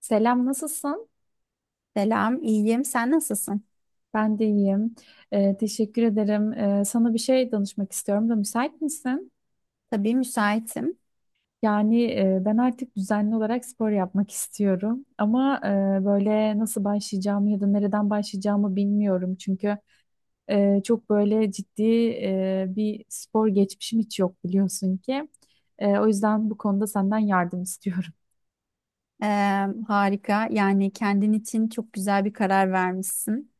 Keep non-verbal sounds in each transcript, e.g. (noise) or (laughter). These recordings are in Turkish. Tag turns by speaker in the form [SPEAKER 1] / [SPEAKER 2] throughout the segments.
[SPEAKER 1] Selam, nasılsın?
[SPEAKER 2] Selam, iyiyim. Sen nasılsın?
[SPEAKER 1] Ben de iyiyim. Teşekkür ederim. Sana bir şey danışmak istiyorum da müsait misin?
[SPEAKER 2] Tabii müsaitim.
[SPEAKER 1] Yani ben artık düzenli olarak spor yapmak istiyorum. Ama böyle nasıl başlayacağımı ya da nereden başlayacağımı bilmiyorum. Çünkü çok böyle ciddi bir spor geçmişim hiç yok biliyorsun ki. O yüzden bu konuda senden yardım istiyorum.
[SPEAKER 2] Ee, Harika. Yani kendin için çok güzel bir karar vermişsin.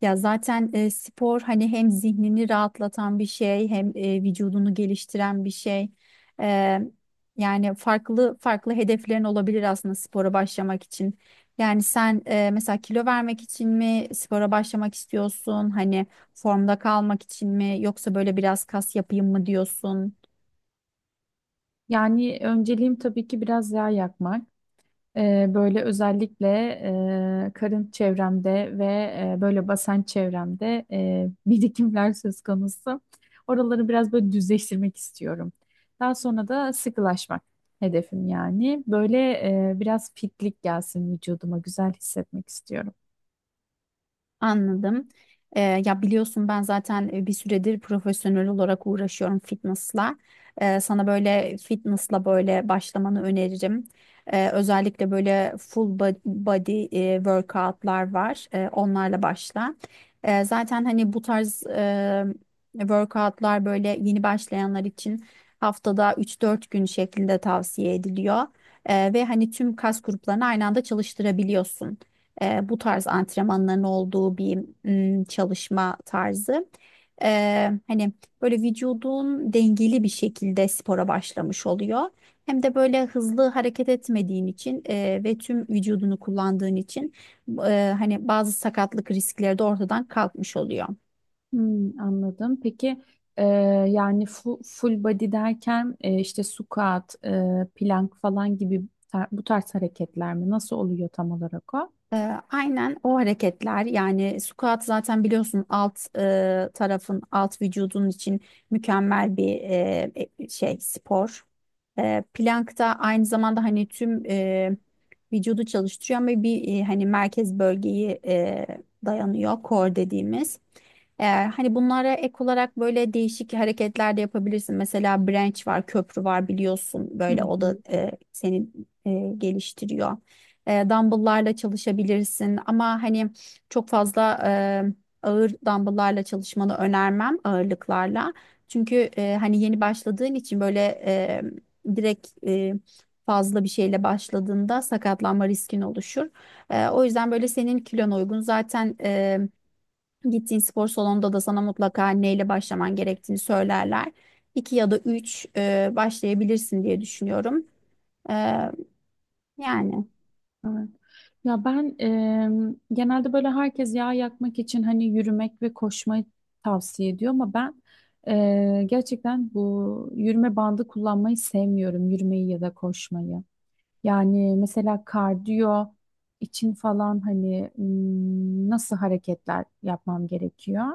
[SPEAKER 2] Ya zaten spor hani hem zihnini rahatlatan bir şey, hem vücudunu geliştiren bir şey. Ee, Yani farklı farklı hedeflerin olabilir aslında spora başlamak için. Yani sen mesela kilo vermek için mi spora başlamak istiyorsun? Hani formda kalmak için mi? Yoksa böyle biraz kas yapayım mı diyorsun?
[SPEAKER 1] Yani önceliğim tabii ki biraz yağ yakmak. Böyle özellikle karın çevremde ve böyle basen çevremde (laughs) birikimler söz konusu. Oraları biraz böyle düzleştirmek istiyorum. Daha sonra da sıkılaşmak hedefim yani. Böyle biraz fitlik gelsin vücuduma, güzel hissetmek istiyorum.
[SPEAKER 2] Anladım. Ya biliyorsun ben zaten bir süredir profesyonel olarak uğraşıyorum fitnessla. Sana böyle fitnessla böyle başlamanı öneririm. Özellikle böyle body workoutlar var. Onlarla başla. Zaten hani bu tarz workoutlar böyle yeni başlayanlar için haftada üç dört gün şeklinde tavsiye ediliyor. Ve hani tüm kas gruplarını aynı anda çalıştırabiliyorsun, bu tarz antrenmanların olduğu bir çalışma tarzı. E, Hani böyle vücudun dengeli bir şekilde spora başlamış oluyor. Hem de böyle hızlı hareket etmediğin için ve tüm vücudunu kullandığın için hani bazı sakatlık riskleri de ortadan kalkmış oluyor.
[SPEAKER 1] Hmm, anladım. Peki e, yani full body derken işte squat, plank falan gibi bu tarz hareketler mi? Nasıl oluyor tam olarak o?
[SPEAKER 2] Ee, aynen o hareketler yani squat zaten biliyorsun alt tarafın alt vücudun için mükemmel bir şey spor. Plank da aynı zamanda hani tüm vücudu çalıştırıyor ama bir hani merkez bölgeyi dayanıyor core dediğimiz. Hani bunlara ek olarak böyle değişik hareketler de yapabilirsin. Mesela branch var, köprü var biliyorsun
[SPEAKER 1] Hı
[SPEAKER 2] böyle o da
[SPEAKER 1] hı.
[SPEAKER 2] seni e, geliştiriyor. Dumbbell'larla çalışabilirsin ama hani çok fazla ağır dumbbell'larla çalışmanı önermem ağırlıklarla. Çünkü hani yeni başladığın için böyle e, direkt e, fazla bir şeyle başladığında sakatlanma riskin oluşur. O yüzden böyle senin kilona uygun zaten, gittiğin spor salonunda da sana mutlaka neyle başlaman gerektiğini söylerler. İki ya da üç başlayabilirsin diye düşünüyorum. E, Yani.
[SPEAKER 1] Evet. Ya ben genelde böyle herkes yağ yakmak için hani yürümek ve koşmayı tavsiye ediyor ama ben gerçekten bu yürüme bandı kullanmayı sevmiyorum. Yürümeyi ya da koşmayı. Yani mesela kardiyo için falan hani nasıl hareketler yapmam gerekiyor?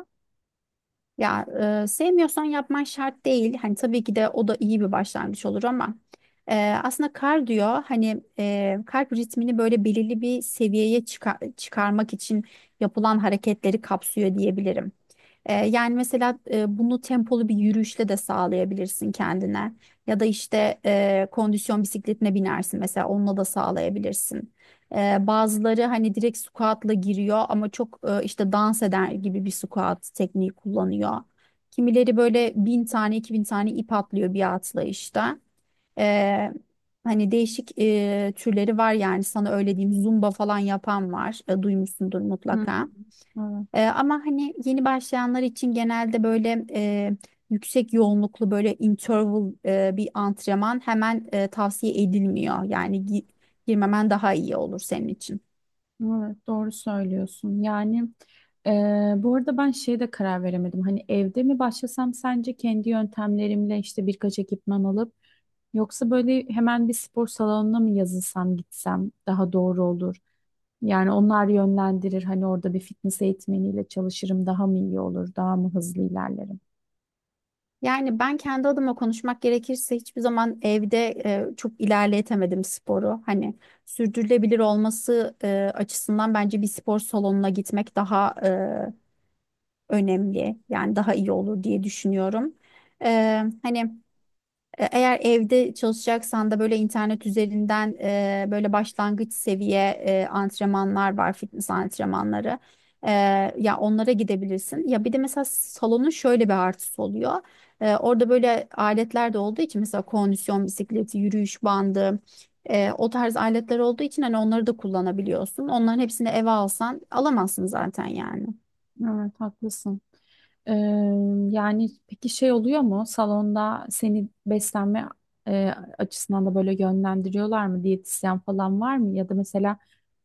[SPEAKER 2] Ya sevmiyorsan yapman şart değil. Hani tabii ki de o da iyi bir başlangıç olur ama e, aslında kardiyo hani kalp ritmini böyle belirli bir seviyeye çıkarmak için yapılan hareketleri kapsıyor diyebilirim. Yani mesela bunu tempolu bir yürüyüşle de sağlayabilirsin kendine. Ya da işte kondisyon bisikletine binersin mesela onunla da sağlayabilirsin. Bazıları hani direkt squat'la giriyor ama çok işte dans eder gibi bir squat tekniği kullanıyor. Kimileri böyle bin tane iki bin tane ip atlıyor bir atlayışta. Ee, Hani değişik türleri var yani sana öyle diyeyim zumba falan yapan var. Duymuşsundur mutlaka.
[SPEAKER 1] Hı.
[SPEAKER 2] Ama hani yeni başlayanlar için genelde böyle yüksek yoğunluklu böyle interval bir antrenman hemen tavsiye edilmiyor. Yani girmemen daha iyi olur senin için.
[SPEAKER 1] Evet, doğru söylüyorsun. Yani e, bu arada ben şeye de karar veremedim. Hani evde mi başlasam sence kendi yöntemlerimle işte birkaç ekipman alıp yoksa böyle hemen bir spor salonuna mı yazılsam gitsem daha doğru olur. Yani onlar yönlendirir. Hani orada bir fitness eğitmeniyle çalışırım daha mı iyi olur, daha mı hızlı ilerlerim.
[SPEAKER 2] Yani ben kendi adıma konuşmak gerekirse hiçbir zaman evde çok ilerletemedim sporu. Hani sürdürülebilir olması açısından bence bir spor salonuna gitmek daha önemli. Yani daha iyi olur diye düşünüyorum. Ee, hani Eğer evde çalışacaksan da böyle internet üzerinden böyle başlangıç seviye antrenmanlar var, fitness antrenmanları. E, Ya onlara gidebilirsin. Ya bir de mesela salonun şöyle bir artısı oluyor. Orada böyle aletler de olduğu için mesela kondisyon bisikleti, yürüyüş bandı, o tarz aletler olduğu için hani onları da kullanabiliyorsun. Onların hepsini eve alsan alamazsın zaten yani.
[SPEAKER 1] Evet, haklısın. Ee, yani peki şey oluyor mu salonda seni beslenme e, açısından da böyle yönlendiriyorlar mı diyetisyen falan var mı ya da mesela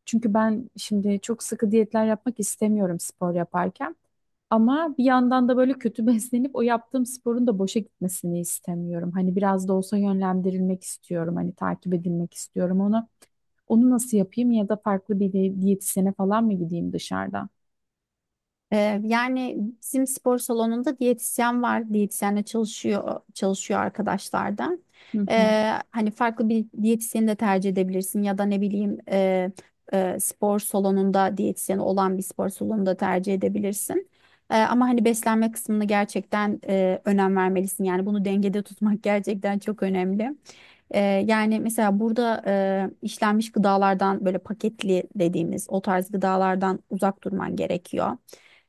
[SPEAKER 1] çünkü ben şimdi çok sıkı diyetler yapmak istemiyorum spor yaparken ama bir yandan da böyle kötü (laughs) beslenip o yaptığım sporun da boşa gitmesini istemiyorum hani biraz da olsa yönlendirilmek istiyorum hani takip edilmek istiyorum onu onu nasıl yapayım ya da farklı bir diyetisyene falan mı gideyim dışarıda?
[SPEAKER 2] Yani bizim spor salonunda diyetisyen var. Diyetisyenle çalışıyor arkadaşlardan.
[SPEAKER 1] Hı hı,
[SPEAKER 2] Hani farklı bir diyetisyeni de tercih edebilirsin ya da ne bileyim spor salonunda diyetisyeni olan bir spor salonunda tercih edebilirsin. Ama hani beslenme kısmını gerçekten önem vermelisin. Yani bunu dengede tutmak (laughs) gerçekten çok önemli. Ee, Yani mesela burada işlenmiş gıdalardan böyle paketli dediğimiz o tarz gıdalardan uzak durman gerekiyor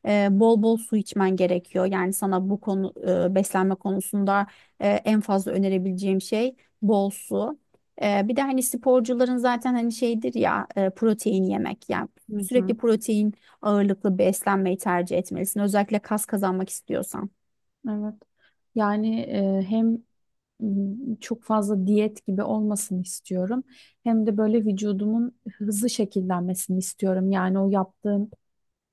[SPEAKER 2] e, bol bol su içmen gerekiyor. Yani sana bu konu, beslenme konusunda, en fazla önerebileceğim şey bol su. Bir de hani sporcuların zaten hani şeydir ya, protein yemek. Yani
[SPEAKER 1] hı
[SPEAKER 2] sürekli
[SPEAKER 1] hı.
[SPEAKER 2] protein ağırlıklı beslenmeyi tercih etmelisin. Özellikle kas kazanmak istiyorsan.
[SPEAKER 1] Evet. Yani hem çok fazla diyet gibi olmasını istiyorum. Hem de böyle vücudumun hızlı şekillenmesini istiyorum. Yani o yaptığım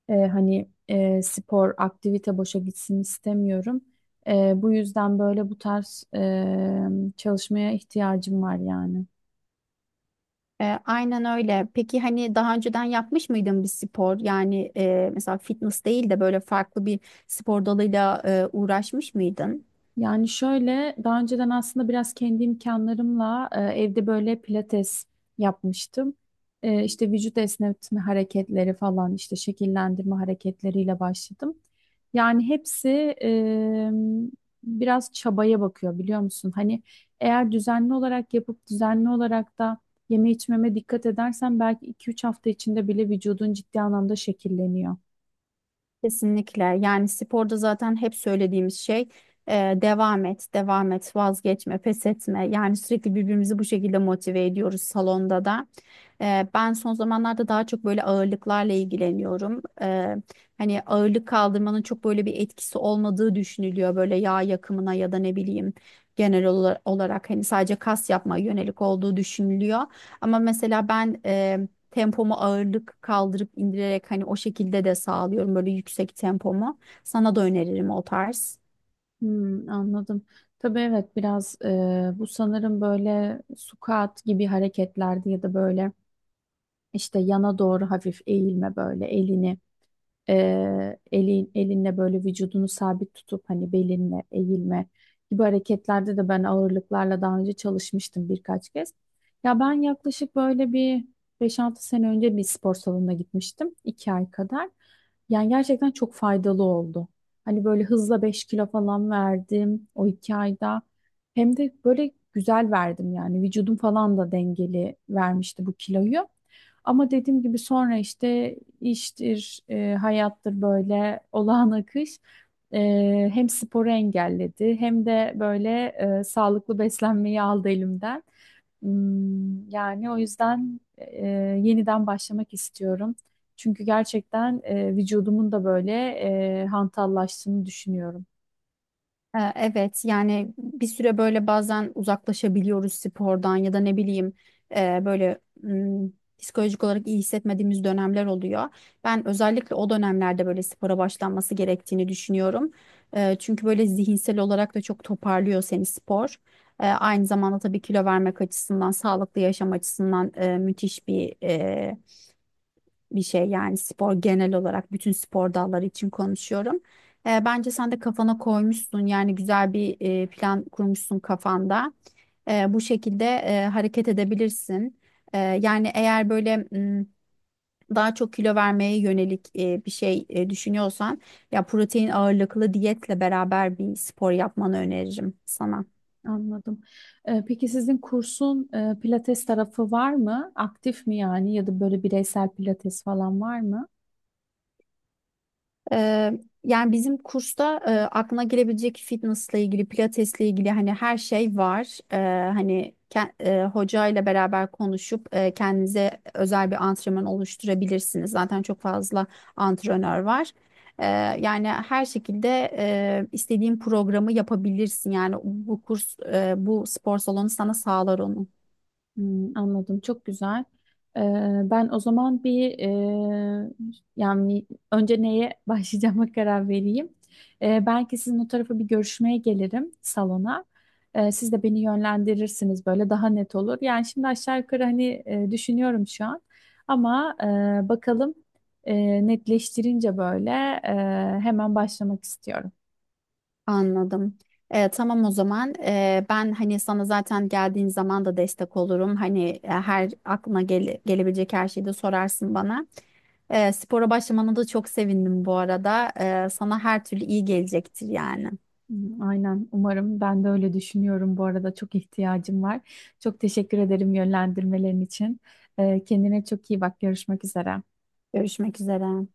[SPEAKER 1] hani spor, aktivite boşa gitsin istemiyorum. Bu yüzden böyle bu tarz çalışmaya ihtiyacım var yani.
[SPEAKER 2] Aynen öyle. Peki hani daha önceden yapmış mıydın bir spor? Yani mesela fitness değil de böyle farklı bir spor dalıyla uğraşmış mıydın?
[SPEAKER 1] Yani şöyle daha önceden aslında biraz kendi imkanlarımla evde böyle pilates yapmıştım. İşte vücut esnetme hareketleri falan işte şekillendirme hareketleriyle başladım. Yani hepsi e, biraz çabaya bakıyor biliyor musun? Hani eğer düzenli olarak yapıp düzenli olarak da yeme içmeme dikkat edersen belki 2-3 hafta içinde bile vücudun ciddi anlamda şekilleniyor.
[SPEAKER 2] Kesinlikle. Yani sporda zaten hep söylediğimiz şey e, devam et, devam et, vazgeçme, pes etme. Yani sürekli birbirimizi bu şekilde motive ediyoruz salonda da. Ben son zamanlarda daha çok böyle ağırlıklarla ilgileniyorum. Hani ağırlık kaldırmanın çok böyle bir etkisi olmadığı düşünülüyor. Böyle yağ yakımına ya da ne bileyim genel olarak hani sadece kas yapmaya yönelik olduğu düşünülüyor. Ama mesela ben tempomu ağırlık kaldırıp indirerek hani o şekilde de sağlıyorum böyle yüksek tempomu. Sana da öneririm o tarz.
[SPEAKER 1] Hmm, anladım. Tabii evet biraz bu sanırım böyle squat gibi hareketlerde ya da böyle işte yana doğru hafif eğilme böyle elini elinle böyle vücudunu sabit tutup hani belinle eğilme gibi hareketlerde de ben ağırlıklarla daha önce çalışmıştım birkaç kez. Ya ben yaklaşık böyle bir 5-6 sene önce bir spor salonuna gitmiştim. İki ay kadar. Yani gerçekten çok faydalı oldu. Hani böyle hızla 5 kilo falan verdim o 2 ayda. Hem de böyle güzel verdim yani vücudum falan da dengeli vermişti bu kiloyu. Ama dediğim gibi sonra işte iştir, hayattır böyle olağan akış e, hem sporu engelledi hem de böyle sağlıklı beslenmeyi aldı elimden. Hmm, yani o yüzden yeniden başlamak istiyorum. Çünkü gerçekten vücudumun da böyle hantallaştığını düşünüyorum.
[SPEAKER 2] Evet yani bir süre böyle bazen uzaklaşabiliyoruz spordan ya da ne bileyim böyle psikolojik olarak iyi hissetmediğimiz dönemler oluyor. Ben özellikle o dönemlerde böyle spora başlanması gerektiğini düşünüyorum. Çünkü böyle zihinsel olarak da çok toparlıyor seni spor. Aynı zamanda tabii kilo vermek açısından, sağlıklı yaşam açısından müthiş bir şey yani spor genel olarak bütün spor dalları için konuşuyorum. Bence sen de kafana koymuşsun yani güzel bir plan kurmuşsun kafanda. Bu şekilde hareket edebilirsin. Yani eğer böyle daha çok kilo vermeye yönelik düşünüyorsan ya protein ağırlıklı diyetle beraber bir spor yapmanı öneririm sana.
[SPEAKER 1] Anladım. Peki sizin kursun pilates tarafı var mı? Aktif mi yani ya da böyle bireysel pilates falan var mı?
[SPEAKER 2] Ee, Yani bizim kursta aklına gelebilecek fitnessla ilgili, pilatesle ilgili hani her şey var. Hani hoca ile beraber konuşup kendinize özel bir antrenman oluşturabilirsiniz. Zaten çok fazla antrenör var. Ee, Yani her şekilde istediğin programı yapabilirsin. Yani bu kurs, bu spor salonu sana sağlar onu.
[SPEAKER 1] Hmm, anladım. Çok güzel. Ee, ben o zaman bir yani önce neye (laughs) başlayacağıma karar vereyim. Belki sizin o tarafa bir görüşmeye gelirim salona. Siz de beni yönlendirirsiniz böyle daha net olur. Yani şimdi aşağı yukarı hani düşünüyorum şu an. Ama bakalım netleştirince böyle hemen başlamak istiyorum.
[SPEAKER 2] Anladım. Tamam o zaman, ben hani sana zaten geldiğin zaman da destek olurum. Hani her aklına gelebilecek her şeyi de sorarsın bana. Spora başlamana da çok sevindim bu arada. Sana her türlü iyi gelecektir yani.
[SPEAKER 1] Hmm, aynen umarım ben de öyle düşünüyorum bu arada çok ihtiyacım var. Çok teşekkür ederim yönlendirmelerin için. Kendine çok iyi bak, görüşmek üzere.
[SPEAKER 2] Görüşmek üzere.